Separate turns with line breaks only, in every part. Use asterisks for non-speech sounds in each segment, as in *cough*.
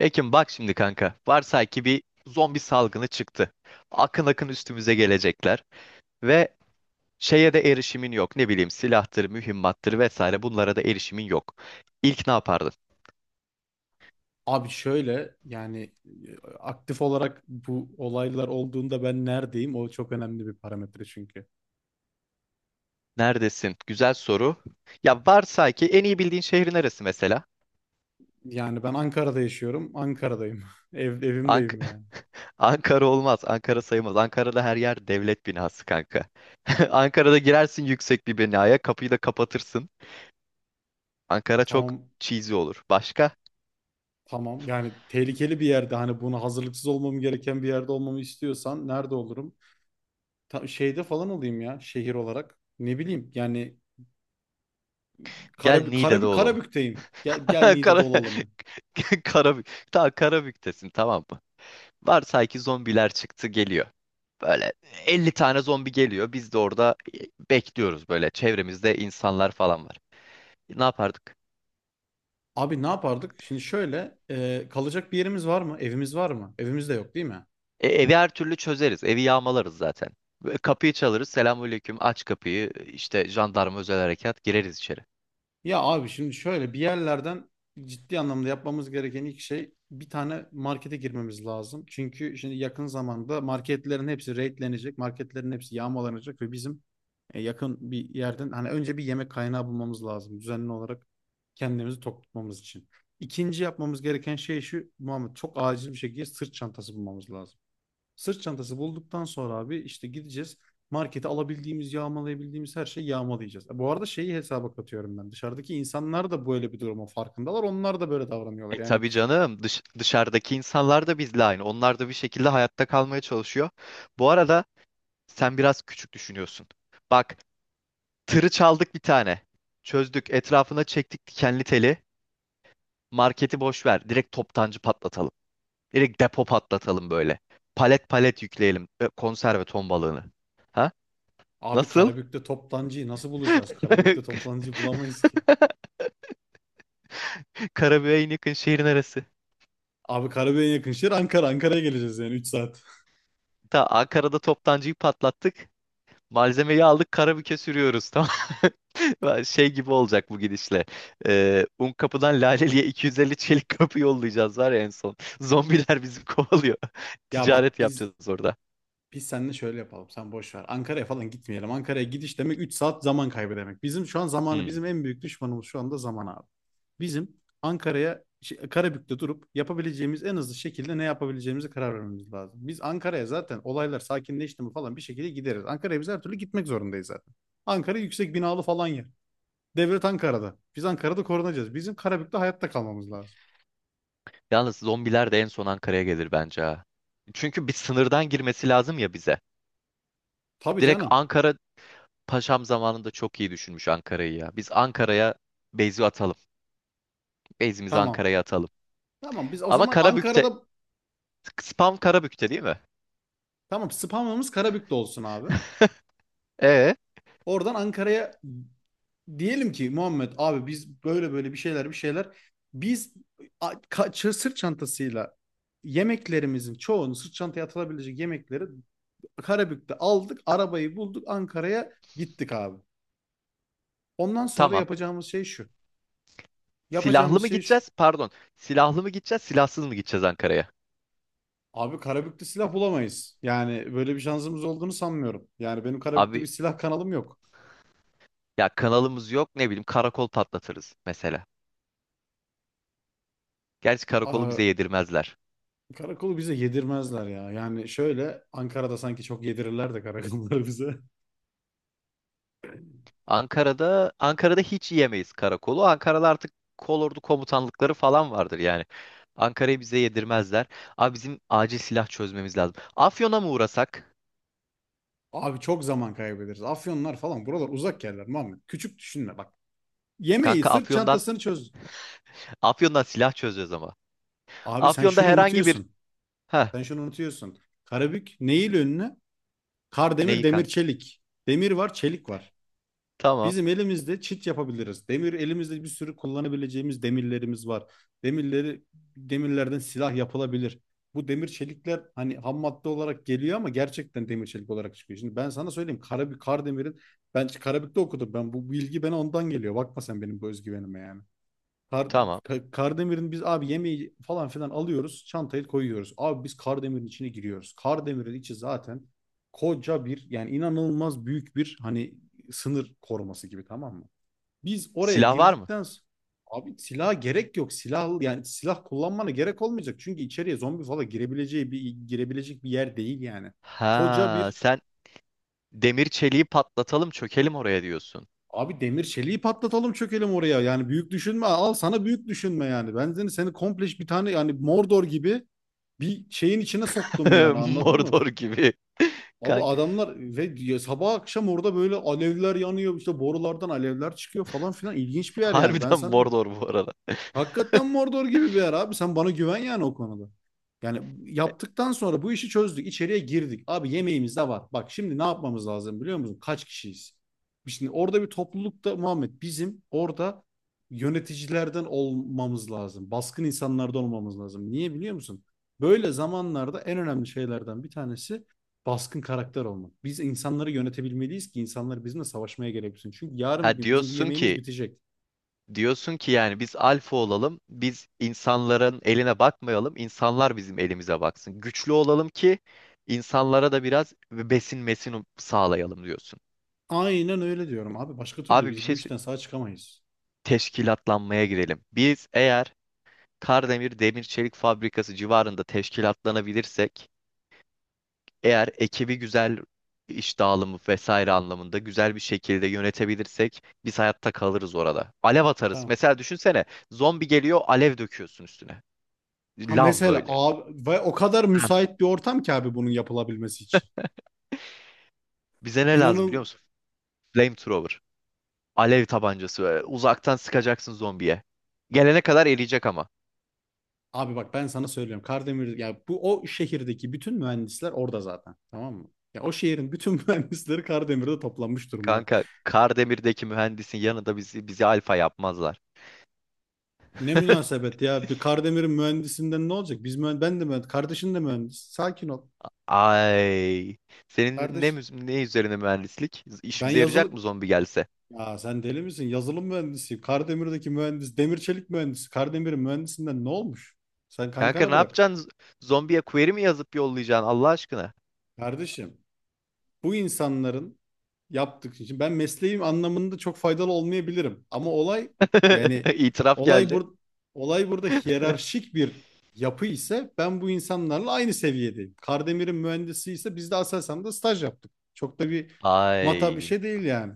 Ekim bak şimdi kanka. Varsay ki bir zombi salgını çıktı. Akın akın üstümüze gelecekler ve şeye de erişimin yok. Ne bileyim silahtır, mühimmattır vesaire bunlara da erişimin yok. İlk ne yapardın?
Abi şöyle yani aktif olarak bu olaylar olduğunda ben neredeyim? O çok önemli bir parametre çünkü.
Neredesin? Güzel soru. Ya varsay ki en iyi bildiğin şehrin neresi mesela?
Yani ben Ankara'da yaşıyorum. Ankara'dayım. *laughs*
Ank
Evimdeyim
*laughs*
yani.
Ankara olmaz. Ankara sayılmaz. Ankara'da her yer devlet binası kanka. *laughs* Ankara'da girersin yüksek bir binaya, kapıyı da kapatırsın. Ankara çok
Tamam
cheesy olur. Başka?
tamam. Yani tehlikeli bir yerde hani buna hazırlıksız olmam gereken bir yerde olmamı istiyorsan nerede olurum? Şeyde falan olayım ya şehir olarak. Ne bileyim yani
Gel Niğde'de olalım.
Karabük'teyim. Gel
*laughs*
Niğde'de
Kara...
olalım ya.
*laughs* Karabük. Tamam Karabük'tesin, tamam mı? Varsay ki zombiler çıktı geliyor. Böyle 50 tane zombi geliyor. Biz de orada bekliyoruz böyle. Çevremizde insanlar falan var. Ne yapardık?
Abi ne yapardık? Şimdi şöyle kalacak bir yerimiz var mı? Evimiz var mı? Evimiz de yok değil mi?
Evi her türlü çözeriz. Evi yağmalarız zaten. Ve kapıyı çalarız. Selamünaleyküm. Aç kapıyı. İşte jandarma özel harekat. Gireriz içeri.
Ya abi şimdi şöyle bir yerlerden ciddi anlamda yapmamız gereken ilk şey bir tane markete girmemiz lazım. Çünkü şimdi yakın zamanda marketlerin hepsi raidlenecek, marketlerin hepsi yağmalanacak ve bizim yakın bir yerden hani önce bir yemek kaynağı bulmamız lazım düzenli olarak kendimizi tok tutmamız için. İkinci yapmamız gereken şey şu, Muhammed, çok acil bir şekilde sırt çantası bulmamız lazım. Sırt çantası bulduktan sonra abi işte gideceğiz. Markete alabildiğimiz, yağmalayabildiğimiz her şeyi yağmalayacağız. Bu arada şeyi hesaba katıyorum ben. Dışarıdaki insanlar da böyle bir durumun farkındalar. Onlar da böyle davranıyorlar. Yani
Tabii canım. Dışarıdaki insanlar da bizle aynı. Onlar da bir şekilde hayatta kalmaya çalışıyor. Bu arada sen biraz küçük düşünüyorsun. Bak, tırı çaldık bir tane. Çözdük. Etrafına çektik dikenli teli. Marketi boş ver. Direkt toptancı patlatalım. Direkt depo patlatalım böyle. Palet palet yükleyelim. Konserve ton balığını. Ha?
abi
Nasıl?
Karabük'te toptancıyı nasıl bulacağız? Karabük'te
*laughs*
toplancı bulamayız ki.
Karabüğe en yakın şehrin arası.
Abi Karabük'e en yakın şehir Ankara. Ankara'ya geleceğiz yani 3 saat.
Ta Ankara'da toptancıyı patlattık. Malzemeyi aldık, karabüke sürüyoruz, tamam. *laughs* Şey gibi olacak bu gidişle. Un kapıdan Laleli'ye 250 çelik kapı yollayacağız var ya en son. Zombiler bizi *laughs* kovalıyor.
Ya
Ticaret
bak biz
yapacağız orada.
Biz seninle şöyle yapalım. Sen boş ver. Ankara'ya falan gitmeyelim. Ankara'ya gidiş demek 3 saat zaman kaybı demek. Bizim şu an zamanı
Hmm.
bizim en büyük düşmanımız şu anda zaman abi. Bizim Ankara'ya Karabük'te durup yapabileceğimiz en hızlı şekilde ne yapabileceğimize karar vermemiz lazım. Biz Ankara'ya zaten olaylar sakinleşti mi falan bir şekilde gideriz. Ankara'ya biz her türlü gitmek zorundayız zaten. Ankara yüksek binalı falan yer. Devlet Ankara'da. Biz Ankara'da korunacağız. Bizim Karabük'te hayatta kalmamız lazım.
Yalnız zombiler de en son Ankara'ya gelir bence, ha. Çünkü bir sınırdan girmesi lazım ya bize.
Tabii
Direkt
canım.
Ankara Paşam zamanında çok iyi düşünmüş Ankara'yı ya. Biz Ankara'ya base'i atalım. Base'imizi
Tamam.
Ankara'ya atalım.
Tamam biz o
Ama
zaman
Karabük'te,
Ankara'da
spam Karabük'te değil mi?
tamam, spamımız Karabük'te olsun abi.
E
Oradan Ankara'ya diyelim ki Muhammed, abi biz böyle böyle bir şeyler, biz sırt çantasıyla yemeklerimizin çoğunu sırt çantaya atılabilecek yemekleri Karabük'te aldık, arabayı bulduk, Ankara'ya gittik abi. Ondan sonra
tamam.
yapacağımız şey şu.
Silahlı
Yapacağımız
mı
şey şu.
gideceğiz? Pardon. Silahlı mı gideceğiz, silahsız mı gideceğiz Ankara'ya?
Abi Karabük'te silah bulamayız. Yani böyle bir şansımız olduğunu sanmıyorum. Yani benim Karabük'te bir
Abi
silah kanalım yok.
ya kanalımız yok, ne bileyim karakol patlatırız mesela. Gerçi karakolu
Aa,
bize yedirmezler.
Karakolu bize yedirmezler ya. Yani şöyle Ankara'da sanki çok yedirirler de karakolları bize.
Ankara'da hiç yiyemeyiz karakolu. Ankara'da artık kolordu komutanlıkları falan vardır yani. Ankara'yı bize yedirmezler. Abi bizim acil silah çözmemiz lazım. Afyon'a mı uğrasak?
Abi çok zaman kaybederiz. Afyonlar falan buralar uzak yerler Muhammed. Küçük düşünme bak. Yemeği,
Kanka
sırt
Afyon'dan
çantasını çöz.
Afyon'dan silah çözeceğiz ama.
Abi sen
Afyon'da
şunu
herhangi bir,
unutuyorsun.
ha,
Sen şunu unutuyorsun. Karabük neyin önüne? Kar, demir
neyi
demir,
kanka?
çelik. Demir var, çelik var.
Tamam,
Bizim elimizde çit yapabiliriz. Demir elimizde bir sürü kullanabileceğimiz demirlerimiz var. Demirleri demirlerden silah yapılabilir. Bu demir çelikler hani ham madde olarak geliyor ama gerçekten demir çelik olarak çıkıyor. Şimdi ben sana söyleyeyim Karabük Kardemir'in, ben Karabük'te okudum, ben bu bilgi bana ondan geliyor. Bakma sen benim bu özgüvenime yani. Kar,
tamam.
Kardemir'in biz abi yemeği falan filan alıyoruz. Çantayı koyuyoruz. Abi biz Kardemir'in içine giriyoruz. Kardemir'in içi zaten koca bir, yani inanılmaz büyük bir, hani sınır koruması gibi, tamam mı? Biz oraya
Silah var mı?
girdikten sonra abi silaha gerek yok. Silah, yani silah kullanmana gerek olmayacak. Çünkü içeriye zombi falan girebileceği bir girebilecek bir yer değil yani. Koca
Ha,
bir
sen demir çeliği patlatalım çökelim oraya diyorsun.
abi demir çeliği patlatalım çökelim oraya. Yani büyük düşünme, al sana büyük düşünme yani. Ben seni komple bir tane yani Mordor gibi bir şeyin içine soktum yani,
*laughs*
anladın mı?
Mordor gibi.
Abi
Kank
adamlar ve ya sabah akşam orada böyle alevler yanıyor, işte borulardan alevler çıkıyor falan filan, ilginç bir yer yani. Ben
Harbiden
sana
Mordor bu arada.
hakikaten Mordor gibi bir yer abi. Sen bana güven yani o konuda. Yani yaptıktan sonra bu işi çözdük, içeriye girdik. Abi yemeğimiz de var. Bak şimdi ne yapmamız lazım biliyor musun? Kaç kişiyiz? Şimdi orada bir toplulukta Muhammed bizim orada yöneticilerden olmamız lazım. Baskın insanlardan olmamız lazım. Niye biliyor musun? Böyle zamanlarda en önemli şeylerden bir tanesi baskın karakter olmak. Biz insanları yönetebilmeliyiz ki insanlar bizimle savaşmaya gereksin. Çünkü yarın bir
Ha,
gün bizim bu
diyorsun
yemeğimiz
ki
bitecek.
yani biz alfa olalım. Biz insanların eline bakmayalım. İnsanlar bizim elimize baksın. Güçlü olalım ki insanlara da biraz besin mesin sağlayalım diyorsun.
Aynen öyle diyorum abi. Başka türlü
Abi
biz bu işten sağ çıkamayız.
teşkilatlanmaya girelim. Biz eğer Kardemir Demir Çelik Fabrikası civarında teşkilatlanabilirsek, eğer ekibi güzel iş dağılımı vesaire anlamında güzel bir şekilde yönetebilirsek biz hayatta kalırız orada. Alev atarız.
Tamam.
Mesela düşünsene, zombi geliyor, alev döküyorsun üstüne.
Ha
Lav
mesela
böyle.
abi, ve o kadar
Heh.
müsait bir ortam ki abi bunun yapılabilmesi için.
Bize ne lazım biliyor
İnanın
musun? Flamethrower. Alev tabancası böyle. Uzaktan sıkacaksın zombiye. Gelene kadar eriyecek ama.
abi bak, ben sana söylüyorum. Kardemir ya, bu o şehirdeki bütün mühendisler orada zaten. Tamam mı? Ya o şehrin bütün *laughs* mühendisleri Kardemir'de toplanmış durumda.
Kanka Kardemir'deki mühendisin yanında bizi alfa yapmazlar.
Ne
*laughs*
münasebet ya, bir Kardemir'in mühendisinden ne olacak? Biz ben de mühendis, kardeşin de mühendis. Sakin ol.
Ay. Senin
Kardeş
ne üzerine mühendislik?
ben
İşimize yarayacak
yazılı
mı zombi gelse?
Ya sen deli misin? Yazılım mühendisiyim. Kardemir'deki mühendis, demir çelik mühendisi. Kardemir'in mühendisinden ne olmuş? Sen
Kanka
kankana
ne
bırak.
yapacaksın? Zombiye query mi yazıp yollayacaksın Allah aşkına?
Kardeşim, bu insanların yaptık için ben mesleğim anlamında çok faydalı olmayabilirim. Ama olay, yani
*laughs* İtiraf
olay
geldi.
bur olay burada hiyerarşik bir yapı ise ben bu insanlarla aynı seviyedeyim. Kardemir'in mühendisi ise biz de Aselsan'da staj yaptık. Çok da bir mata bir
Ay.
şey değil yani.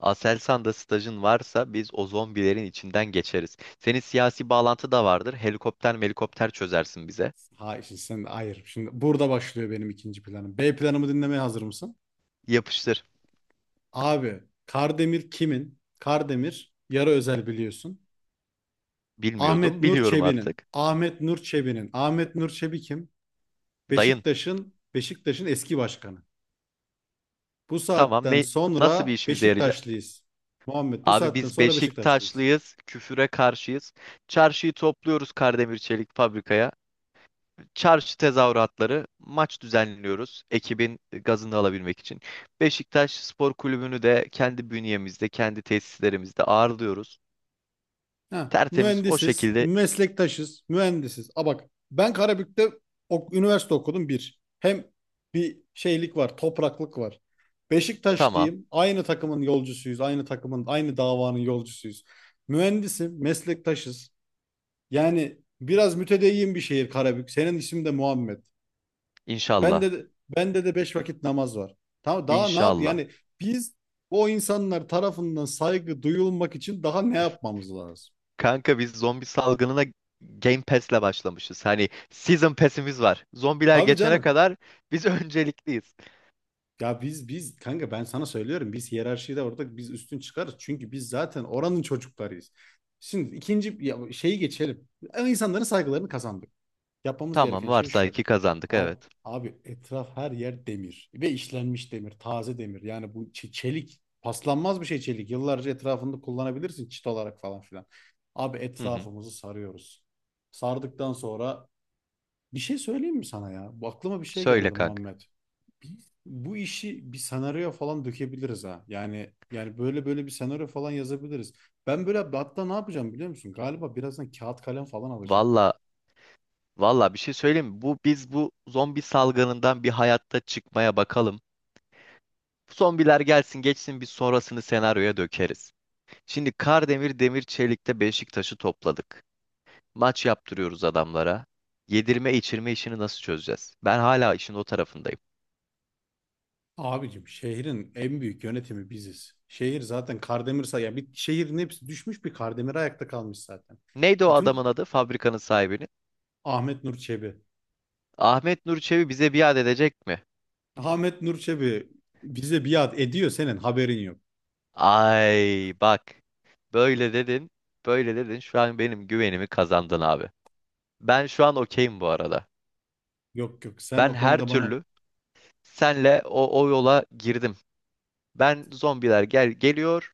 Aselsan'da stajın varsa biz o zombilerin içinden geçeriz. Senin siyasi bağlantı da vardır. Helikopter melikopter çözersin bize.
Hayır. Şimdi burada başlıyor benim ikinci planım. B planımı dinlemeye hazır mısın?
Yapıştır.
Abi Kardemir kimin? Kardemir yarı özel biliyorsun.
Bilmiyordum, biliyorum artık.
Ahmet Nur Çebi'nin. Ahmet Nur Çebi kim?
Dayın.
Beşiktaş'ın eski başkanı. Bu
Tamam,
saatten
nasıl bir
sonra
işimize yarayacak?
Beşiktaşlıyız. Muhammed bu
Abi
saatten
biz
sonra Beşiktaşlıyız.
Beşiktaşlıyız, küfüre karşıyız. Çarşıyı topluyoruz Kardemir Çelik fabrikaya. Çarşı tezahüratları, maç düzenliyoruz ekibin gazını alabilmek için. Beşiktaş Spor Kulübü'nü de kendi bünyemizde, kendi tesislerimizde ağırlıyoruz. Tertemiz o şekilde
Mühendisiz. A bak ben Karabük'te üniversite okudum bir. Hem bir şeylik var, topraklık var.
tamam.
Beşiktaşlıyım, aynı takımın, aynı davanın yolcusuyuz. Mühendisim, meslektaşız. Yani biraz mütedeyyin bir şehir Karabük. Senin ismin de Muhammed. Bende
İnşallah.
de, bende de beş vakit namaz var. Tamam, daha ne yap?
İnşallah.
Yani biz o insanlar tarafından saygı duyulmak için daha ne yapmamız lazım?
Kanka biz zombi salgınına Game Pass'le başlamışız. Hani Season Pass'imiz var. Zombiler
Tabii
geçene
canım.
kadar biz *laughs* öncelikliyiz.
Ya biz kanka ben sana söylüyorum biz hiyerarşide orada biz üstün çıkarız. Çünkü biz zaten oranın çocuklarıyız. Şimdi şeyi geçelim. Yani İnsanların saygılarını kazandık. Yapmamız
Tamam,
gereken şey
varsay
şu.
ki kazandık,
Abi,
evet.
abi etraf her yer demir ve işlenmiş demir, taze demir. Yani bu çelik paslanmaz bir şey çelik. Yıllarca etrafında kullanabilirsin çit olarak falan filan. Abi
Hı hı.
etrafımızı sarıyoruz. Sardıktan sonra bir şey söyleyeyim mi sana ya? Bu aklıma bir şey
Söyle
geldi
kanka.
Muhammed. Biz bu işi bir senaryoya falan dökebiliriz ha. Yani böyle böyle bir senaryo falan yazabiliriz. Ben böyle hatta ne yapacağım biliyor musun? Galiba birazdan kağıt kalem falan alacağım.
Valla, bir şey söyleyeyim mi? Bu zombi salgınından bir hayatta çıkmaya bakalım. Zombiler gelsin geçsin, biz sonrasını senaryoya dökeriz. Şimdi Kardemir Demir Çelik'te Beşiktaş'ı topladık. Maç yaptırıyoruz adamlara. Yedirme içirme işini nasıl çözeceğiz? Ben hala işin o tarafındayım.
Abicim şehrin en büyük yönetimi biziz. Şehir zaten Kardemirsa ya, bir şehrin hepsi düşmüş bir Kardemir ayakta kalmış zaten.
Neydi o adamın
Bütün
adı? Fabrikanın sahibini.
Ahmet Nur Çebi.
Ahmet Nur Çebi bize biat edecek mi?
Ahmet Nur Çebi bize biat ediyor, senin haberin yok.
Ay bak. Böyle dedin. Böyle dedin. Şu an benim güvenimi kazandın abi. Ben şu an okeyim bu arada.
Yok yok, sen
Ben
o
her
konuda bana
türlü senle o yola girdim. Ben zombiler geliyor.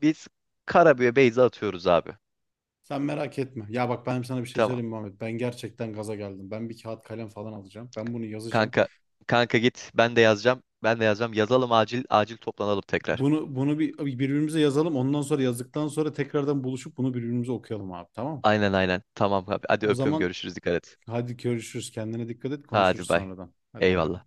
Biz Karabüye Beyza atıyoruz abi.
sen merak etme. Ya bak ben sana bir şey
Tamam.
söyleyeyim mi Muhammed. Ben gerçekten gaza geldim. Ben bir kağıt kalem falan alacağım. Ben bunu yazacağım.
Kanka kanka git. Ben de yazacağım. Ben de yazacağım. Yazalım, acil acil toplanalım tekrar.
Bunu bir birbirimize yazalım. Ondan sonra yazdıktan sonra tekrardan buluşup bunu birbirimize okuyalım abi, tamam mı?
Aynen, aynen. Tamam abi. Hadi
O
öpüyorum
zaman
görüşürüz, dikkat et.
hadi görüşürüz. Kendine dikkat et. Konuşuruz
Hadi bay.
sonradan. Hadi bay bay.
Eyvallah.